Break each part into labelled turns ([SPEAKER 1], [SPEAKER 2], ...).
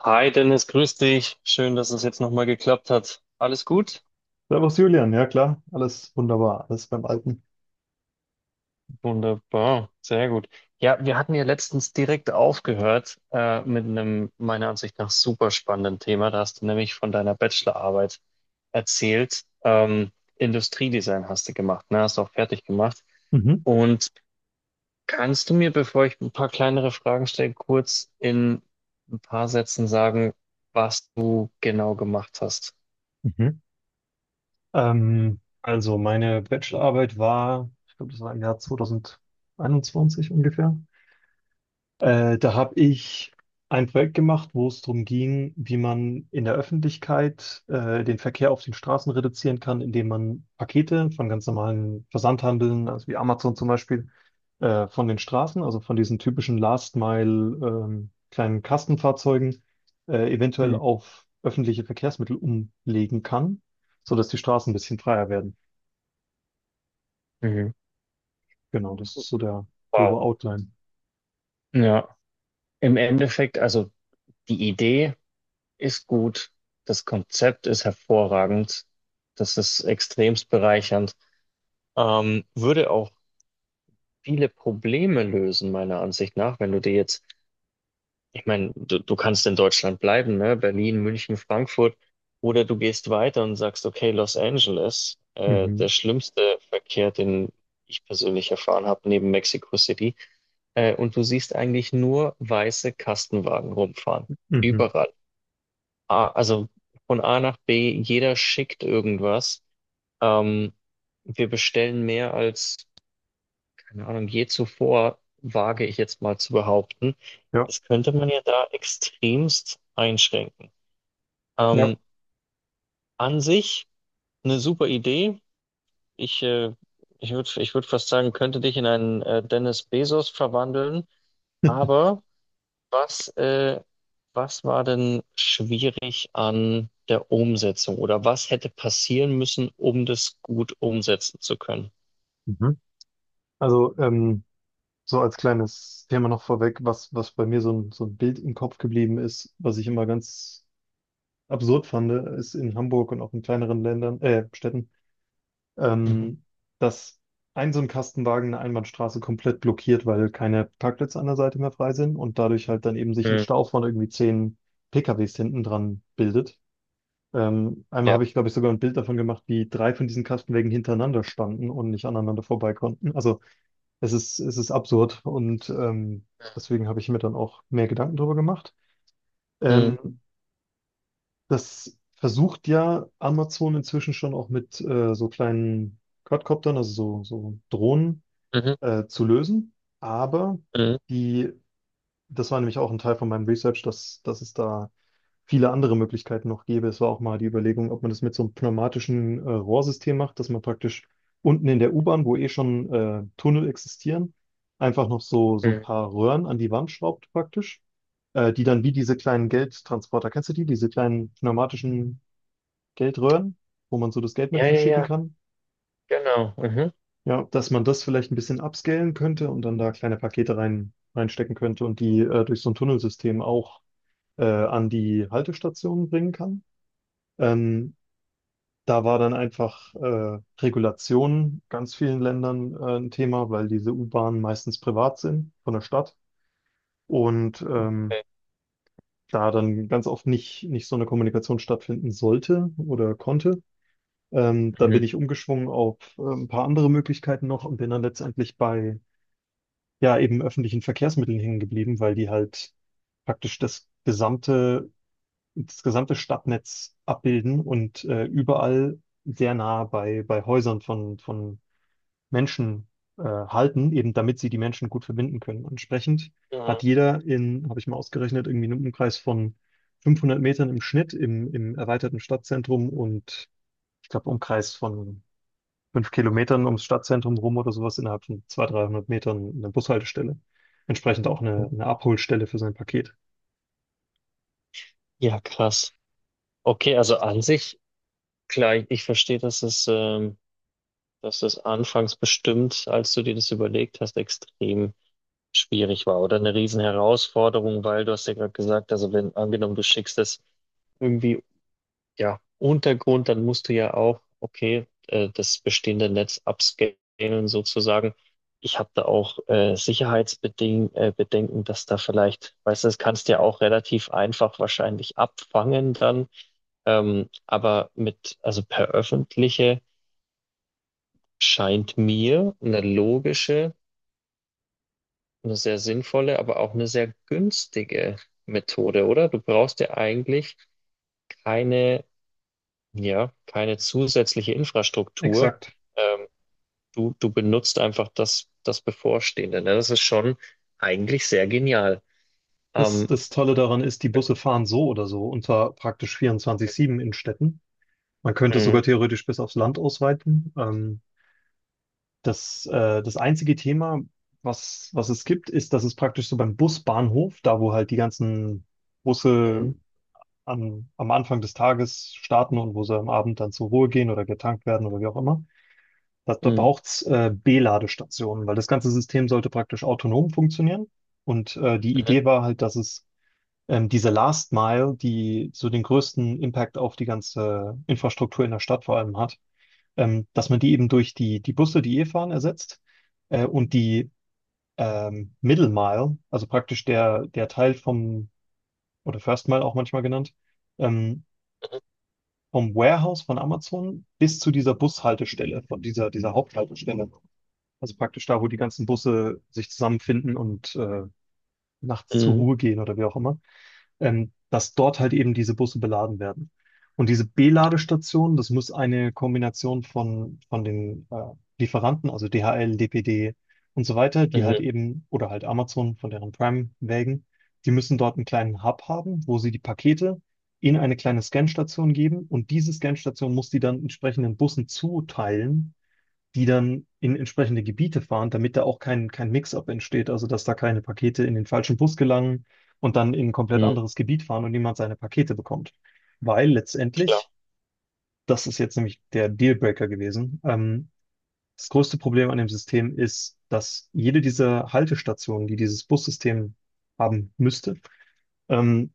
[SPEAKER 1] Hi Dennis, grüß dich. Schön, dass es jetzt nochmal geklappt hat. Alles gut?
[SPEAKER 2] Servus Julian, ja klar, alles wunderbar, alles beim Alten.
[SPEAKER 1] Wunderbar, sehr gut. Ja, wir hatten ja letztens direkt aufgehört mit einem meiner Ansicht nach super spannenden Thema. Da hast du nämlich von deiner Bachelorarbeit erzählt. Industriedesign hast du gemacht, ne? Hast du auch fertig gemacht.
[SPEAKER 2] Mhm.
[SPEAKER 1] Und kannst du mir, bevor ich ein paar kleinere Fragen stelle, kurz in ein paar Sätzen sagen, was du genau gemacht hast?
[SPEAKER 2] Mhm. Also meine Bachelorarbeit war, ich glaube, das war im Jahr 2021 ungefähr. Da habe ich ein Projekt gemacht, wo es darum ging, wie man in der Öffentlichkeit den Verkehr auf den Straßen reduzieren kann, indem man Pakete von ganz normalen Versandhandeln, also wie Amazon zum Beispiel, von den Straßen, also von diesen typischen Last Mile kleinen Kastenfahrzeugen, eventuell
[SPEAKER 1] Mhm.
[SPEAKER 2] auf öffentliche Verkehrsmittel umlegen kann, sodass die Straßen ein bisschen freier werden.
[SPEAKER 1] Mhm.
[SPEAKER 2] Genau, das ist so der
[SPEAKER 1] Wow.
[SPEAKER 2] grobe Outline.
[SPEAKER 1] Ja. Im Endeffekt, also die Idee ist gut, das Konzept ist hervorragend, das ist extremst bereichernd, würde auch viele Probleme lösen, meiner Ansicht nach. Wenn du dir jetzt, ich meine, du kannst in Deutschland bleiben, ne? Berlin, München, Frankfurt, oder du gehst weiter und sagst, okay, Los Angeles,
[SPEAKER 2] Mhm.
[SPEAKER 1] der schlimmste Verkehr, den ich persönlich erfahren habe, neben Mexico City, und du siehst eigentlich nur weiße Kastenwagen rumfahren.
[SPEAKER 2] Mhm.
[SPEAKER 1] Überall. A, also von A nach B, jeder schickt irgendwas. Ähm, wir bestellen mehr als, keine Ahnung, je zuvor, wage ich jetzt mal zu behaupten.
[SPEAKER 2] Ja.
[SPEAKER 1] Das könnte man ja da extremst einschränken.
[SPEAKER 2] Ja.
[SPEAKER 1] Ähm, an sich eine super Idee. Ich, äh, ich würd fast sagen, könnte dich in einen Dennis Bezos verwandeln, aber. Was, äh, was war denn schwierig an der Umsetzung oder was hätte passieren müssen, um das gut umsetzen zu können?
[SPEAKER 2] Mhm. Also, so als kleines Thema noch vorweg, was bei mir so ein Bild im Kopf geblieben ist, was ich immer ganz absurd fand, ist in Hamburg und auch in kleineren Ländern, Städten,
[SPEAKER 1] Mhm.
[SPEAKER 2] ähm, dass ein so ein Kastenwagen eine Einbahnstraße komplett blockiert, weil keine Parkplätze an der Seite mehr frei sind und dadurch halt dann eben sich ein
[SPEAKER 1] Mhm.
[SPEAKER 2] Stau von irgendwie 10 PKWs hinten dran bildet. Einmal
[SPEAKER 1] Ja.
[SPEAKER 2] habe ich, glaube ich, sogar ein Bild davon gemacht, wie drei von diesen Kastenwagen hintereinander standen und nicht aneinander vorbei konnten. Also es ist absurd und deswegen habe ich mir dann auch mehr Gedanken darüber gemacht.
[SPEAKER 1] Mhm.
[SPEAKER 2] Ähm, das versucht ja Amazon inzwischen schon auch mit so kleinen Quadcoptern, also so Drohnen,
[SPEAKER 1] Mhm.
[SPEAKER 2] zu lösen. Aber
[SPEAKER 1] Mhm.
[SPEAKER 2] die, das war nämlich auch ein Teil von meinem Research, dass es da viele andere Möglichkeiten noch gäbe. Es war auch mal die Überlegung, ob man das mit so einem pneumatischen Rohrsystem macht, dass man praktisch unten in der U-Bahn, wo eh schon Tunnel existieren, einfach noch so ein
[SPEAKER 1] Mhm.
[SPEAKER 2] paar Röhren an die Wand schraubt praktisch, die dann wie diese kleinen Geldtransporter, kennst du die, diese kleinen pneumatischen Geldröhren, wo man so das Geld mit
[SPEAKER 1] Ja, ja,
[SPEAKER 2] verschicken
[SPEAKER 1] ja,
[SPEAKER 2] kann?
[SPEAKER 1] genau. Mhm.
[SPEAKER 2] Ja, dass man das vielleicht ein bisschen upscalen könnte und dann da kleine Pakete reinstecken könnte und die durch so ein Tunnelsystem auch an die Haltestationen bringen kann. Ähm, Da war dann einfach Regulation ganz vielen Ländern ein Thema, weil diese U-Bahnen meistens privat sind von der Stadt und
[SPEAKER 1] Okay.
[SPEAKER 2] da dann ganz oft nicht so eine Kommunikation stattfinden sollte oder konnte. Dann bin
[SPEAKER 1] Mhm.
[SPEAKER 2] ich umgeschwungen auf ein paar andere Möglichkeiten noch und bin dann letztendlich bei ja eben öffentlichen Verkehrsmitteln hängen geblieben, weil die halt praktisch das gesamte Stadtnetz abbilden und überall sehr nah bei Häusern von Menschen halten, eben damit sie die Menschen gut verbinden können. Entsprechend hat
[SPEAKER 1] Mhm.
[SPEAKER 2] jeder, habe ich mal ausgerechnet, irgendwie einen Umkreis von 500 Metern im Schnitt im erweiterten Stadtzentrum und ich glaube Umkreis von 5 Kilometern ums Stadtzentrum rum oder sowas innerhalb von 200, 300 Metern eine Bushaltestelle. Entsprechend auch eine Abholstelle für sein Paket.
[SPEAKER 1] Ja, krass. Okay, also an sich, klar, ich verstehe, dass es anfangs bestimmt, als du dir das überlegt hast, extrem schwierig war oder eine Riesenherausforderung, weil du hast ja gerade gesagt, also wenn angenommen du schickst es irgendwie, ja, Untergrund, dann musst du ja auch, okay, das bestehende Netz upscalen sozusagen. Ich habe da auch Sicherheitsbeding Bedenken, dass da vielleicht, weißt du, das kannst du ja auch relativ einfach wahrscheinlich abfangen dann, aber mit, also per öffentliche scheint mir eine logische, eine sehr sinnvolle, aber auch eine sehr günstige Methode, oder? Du brauchst ja eigentlich keine, ja, keine zusätzliche Infrastruktur.
[SPEAKER 2] Exakt.
[SPEAKER 1] Ähm, du benutzt einfach das Bevorstehende. Ne? Das ist schon eigentlich sehr genial.
[SPEAKER 2] Das,
[SPEAKER 1] Ähm,
[SPEAKER 2] das Tolle daran ist, die Busse fahren so oder so und zwar praktisch 24/7 in Städten. Man könnte es
[SPEAKER 1] mm,
[SPEAKER 2] sogar theoretisch bis aufs Land ausweiten. Das einzige Thema, was es gibt, ist, dass es praktisch so beim Busbahnhof, da wo halt die ganzen Busse
[SPEAKER 1] mm.
[SPEAKER 2] am Anfang des Tages starten und wo sie am Abend dann zur Ruhe gehen oder getankt werden oder wie auch immer, da
[SPEAKER 1] Mm.
[SPEAKER 2] braucht's B-Ladestationen, weil das ganze System sollte praktisch autonom funktionieren. Und die
[SPEAKER 1] Mhm.
[SPEAKER 2] Idee war halt, dass es diese Last Mile, die so den größten Impact auf die ganze Infrastruktur in der Stadt vor allem hat, dass man die eben durch die Busse, die eh fahren, ersetzt und die Middle Mile, also praktisch der Teil vom, oder First Mile auch manchmal genannt, ähm, vom Warehouse von Amazon bis zu dieser Bushaltestelle, von dieser Haupthaltestelle. Also praktisch da, wo die ganzen Busse sich zusammenfinden und nachts zur
[SPEAKER 1] Mhm.
[SPEAKER 2] Ruhe gehen oder wie auch immer, dass dort halt eben diese Busse beladen werden. Und diese B-Ladestationen, das muss eine Kombination von den Lieferanten, also DHL, DPD und so weiter, die
[SPEAKER 1] Mhm.
[SPEAKER 2] halt eben, oder halt Amazon von deren Prime-Wägen, die müssen dort einen kleinen Hub haben, wo sie die Pakete in eine kleine Scanstation geben und diese Scanstation muss die dann entsprechenden Bussen zuteilen, die dann in entsprechende Gebiete fahren, damit da auch kein Mix-up entsteht, also dass da keine Pakete in den falschen Bus gelangen und dann in ein komplett
[SPEAKER 1] Mhm.
[SPEAKER 2] anderes Gebiet fahren und niemand seine Pakete bekommt. Weil
[SPEAKER 1] Klar.
[SPEAKER 2] letztendlich, das ist jetzt nämlich der Dealbreaker gewesen, das größte Problem an dem System ist, dass jede dieser Haltestationen, die dieses Bussystem haben müsste, ähm,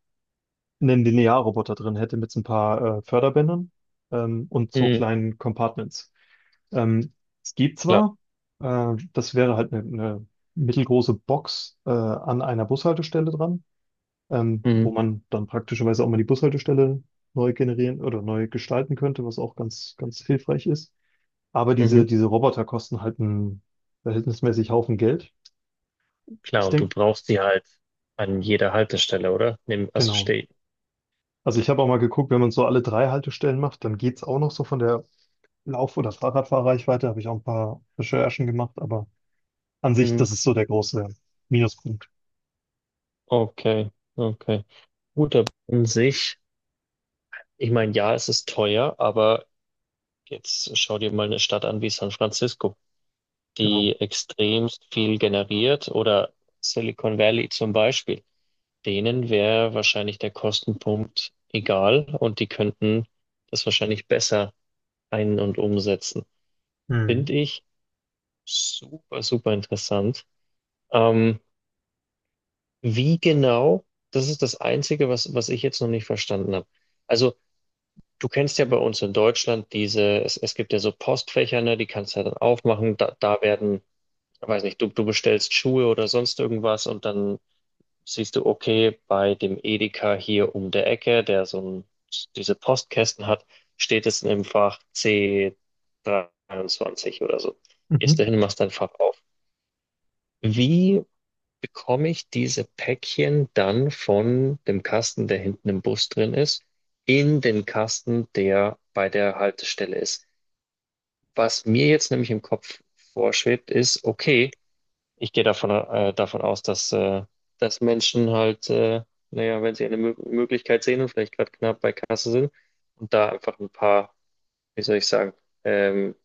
[SPEAKER 2] einen Linearroboter drin hätte mit so ein paar Förderbändern und so
[SPEAKER 1] Mhm.
[SPEAKER 2] kleinen Compartments. Ähm, es gibt
[SPEAKER 1] Klar.
[SPEAKER 2] zwar, das wäre halt eine mittelgroße Box an einer Bushaltestelle dran, wo
[SPEAKER 1] Mhm.
[SPEAKER 2] man dann praktischerweise auch mal die Bushaltestelle neu generieren oder neu gestalten könnte, was auch ganz, ganz hilfreich ist. Aber diese,
[SPEAKER 1] Mhm.
[SPEAKER 2] diese Roboter kosten halt einen verhältnismäßig Haufen Geld.
[SPEAKER 1] Klar.
[SPEAKER 2] Ich
[SPEAKER 1] Und du
[SPEAKER 2] denke,
[SPEAKER 1] brauchst die halt an jeder Haltestelle, oder? Also
[SPEAKER 2] genau.
[SPEAKER 1] steh.
[SPEAKER 2] Also ich habe auch mal geguckt, wenn man so alle drei Haltestellen macht, dann geht's auch noch so von der Lauf- oder Fahrradfahrreichweite habe ich auch ein paar Recherchen gemacht, aber an sich,
[SPEAKER 1] Mhm,
[SPEAKER 2] das ist so der große Minuspunkt.
[SPEAKER 1] okay, okay. Gut, aber an sich. Ich meine, ja, es ist teuer, aber jetzt schau dir mal eine Stadt an wie San Francisco,
[SPEAKER 2] Genau.
[SPEAKER 1] die extremst viel generiert oder Silicon Valley zum Beispiel. Denen wäre wahrscheinlich der Kostenpunkt egal und die könnten das wahrscheinlich besser ein- und umsetzen.
[SPEAKER 2] Mhm.
[SPEAKER 1] Finde ich super, super interessant. Ähm, Wie genau, das ist das Einzige, was ich jetzt noch nicht verstanden habe. Also du kennst ja bei uns in Deutschland es gibt ja so Postfächer, ne, die kannst du ja dann aufmachen. Da werden, weiß nicht, du bestellst Schuhe oder sonst irgendwas und dann siehst du, okay, bei dem Edeka hier um der Ecke, der diese Postkästen hat, steht es im Fach C23 oder so. Gehst
[SPEAKER 2] Mhm.
[SPEAKER 1] dahin, machst dein Fach auf. Wie bekomme ich diese Päckchen dann von dem Kasten, der hinten im Bus drin ist, in den Kasten, der bei der Haltestelle ist? Was mir jetzt nämlich im Kopf vorschwebt, ist, okay, ich gehe davon aus, dass Menschen halt, naja, wenn sie eine Mö Möglichkeit sehen und vielleicht gerade knapp bei Kasse sind und da einfach ein paar, wie soll ich sagen, ähm,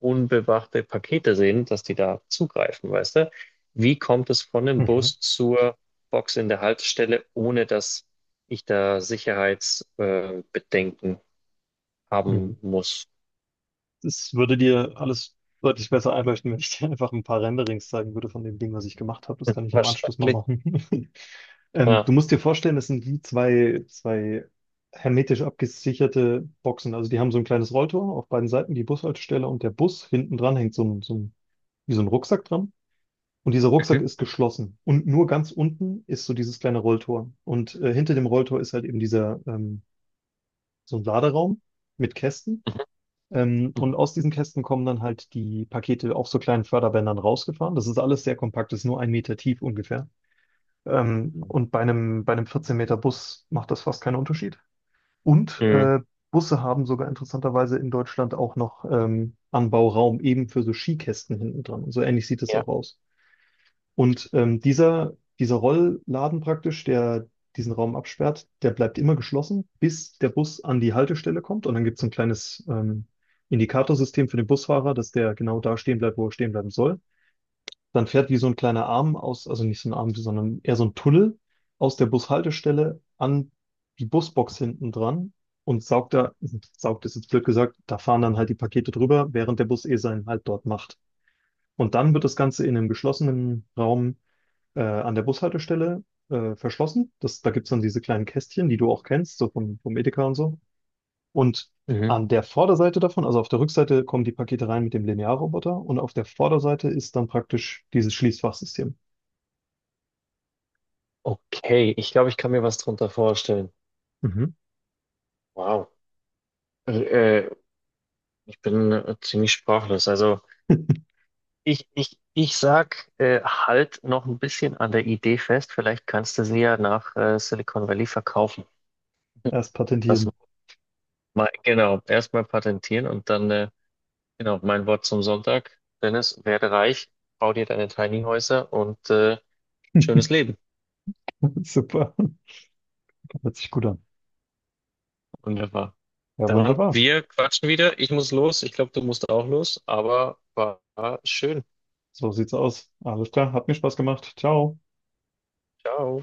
[SPEAKER 1] unbewachte Pakete sehen, dass die da zugreifen, weißt du? Wie kommt es von dem
[SPEAKER 2] Mhm.
[SPEAKER 1] Bus zur Box in der Haltestelle, ohne dass ich da Sicherheitsbedenken Bedenken
[SPEAKER 2] Mhm.
[SPEAKER 1] haben muss?
[SPEAKER 2] Das würde dir alles deutlich besser einleuchten, wenn ich dir einfach ein paar Renderings zeigen würde von dem Ding, was ich gemacht habe. Das kann ich im Anschluss mal
[SPEAKER 1] Wahrscheinlich.
[SPEAKER 2] machen. Du
[SPEAKER 1] Ja.
[SPEAKER 2] musst dir vorstellen, das sind wie zwei hermetisch abgesicherte Boxen. Also die haben so ein kleines Rolltor auf beiden Seiten, die Bushaltestelle und der Bus hinten dran hängt wie so ein Rucksack dran. Und dieser Rucksack
[SPEAKER 1] Mhm.
[SPEAKER 2] ist geschlossen. Und nur ganz unten ist so dieses kleine Rolltor. Und hinter dem Rolltor ist halt eben so ein Laderaum mit Kästen. Und
[SPEAKER 1] Mhm.
[SPEAKER 2] aus diesen Kästen kommen dann halt die Pakete auf so kleinen Förderbändern rausgefahren. Das ist alles sehr kompakt, das ist nur ein Meter tief ungefähr. Ähm,
[SPEAKER 1] Mhm.
[SPEAKER 2] und bei einem 14 Meter Bus macht das fast keinen Unterschied. Und
[SPEAKER 1] Mhm.
[SPEAKER 2] Busse haben sogar interessanterweise in Deutschland auch noch Anbauraum eben für so Skikästen hinten dran. Und so ähnlich sieht es
[SPEAKER 1] Ja.
[SPEAKER 2] auch aus. Und dieser Rollladen praktisch, der diesen Raum absperrt, der bleibt immer geschlossen, bis der Bus an die Haltestelle kommt. Und dann gibt es ein kleines Indikatorsystem für den Busfahrer, dass der genau da stehen bleibt, wo er stehen bleiben soll. Dann fährt wie so ein kleiner Arm aus, also nicht so ein Arm, sondern eher so ein Tunnel aus der Bushaltestelle an die Busbox hinten dran und saugt da, saugt ist jetzt blöd gesagt, da fahren dann halt die Pakete drüber, während der Bus eh seinen Halt dort macht. Und dann wird das Ganze in einem geschlossenen Raum an der Bushaltestelle verschlossen. Da gibt es dann diese kleinen Kästchen, die du auch kennst, so vom Edeka und so. Und
[SPEAKER 1] Mhm.
[SPEAKER 2] an der Vorderseite davon, also auf der Rückseite, kommen die Pakete rein mit dem Linearroboter und auf der Vorderseite ist dann praktisch dieses Schließfachsystem.
[SPEAKER 1] Okay, ich glaube, ich kann mir was drunter vorstellen.
[SPEAKER 2] Mhm.
[SPEAKER 1] Wow. Äh, äh, ich bin ziemlich sprachlos. Also. Ich sag, halt noch ein bisschen an der Idee fest. Vielleicht kannst du sie ja nach Silicon Valley verkaufen.
[SPEAKER 2] Erst
[SPEAKER 1] Das
[SPEAKER 2] patentieren.
[SPEAKER 1] genau, erstmal patentieren und dann, genau, mein Wort zum Sonntag. Dennis, werde reich, bau dir deine Tiny Häuser und schönes Leben.
[SPEAKER 2] Super. Hört sich gut an.
[SPEAKER 1] Wunderbar.
[SPEAKER 2] Ja,
[SPEAKER 1] Dann,
[SPEAKER 2] wunderbar.
[SPEAKER 1] wir quatschen wieder. Ich muss los. Ich glaube, du musst auch los, aber war schön.
[SPEAKER 2] So sieht's aus. Alles klar. Hat mir Spaß gemacht. Ciao.
[SPEAKER 1] Ciao.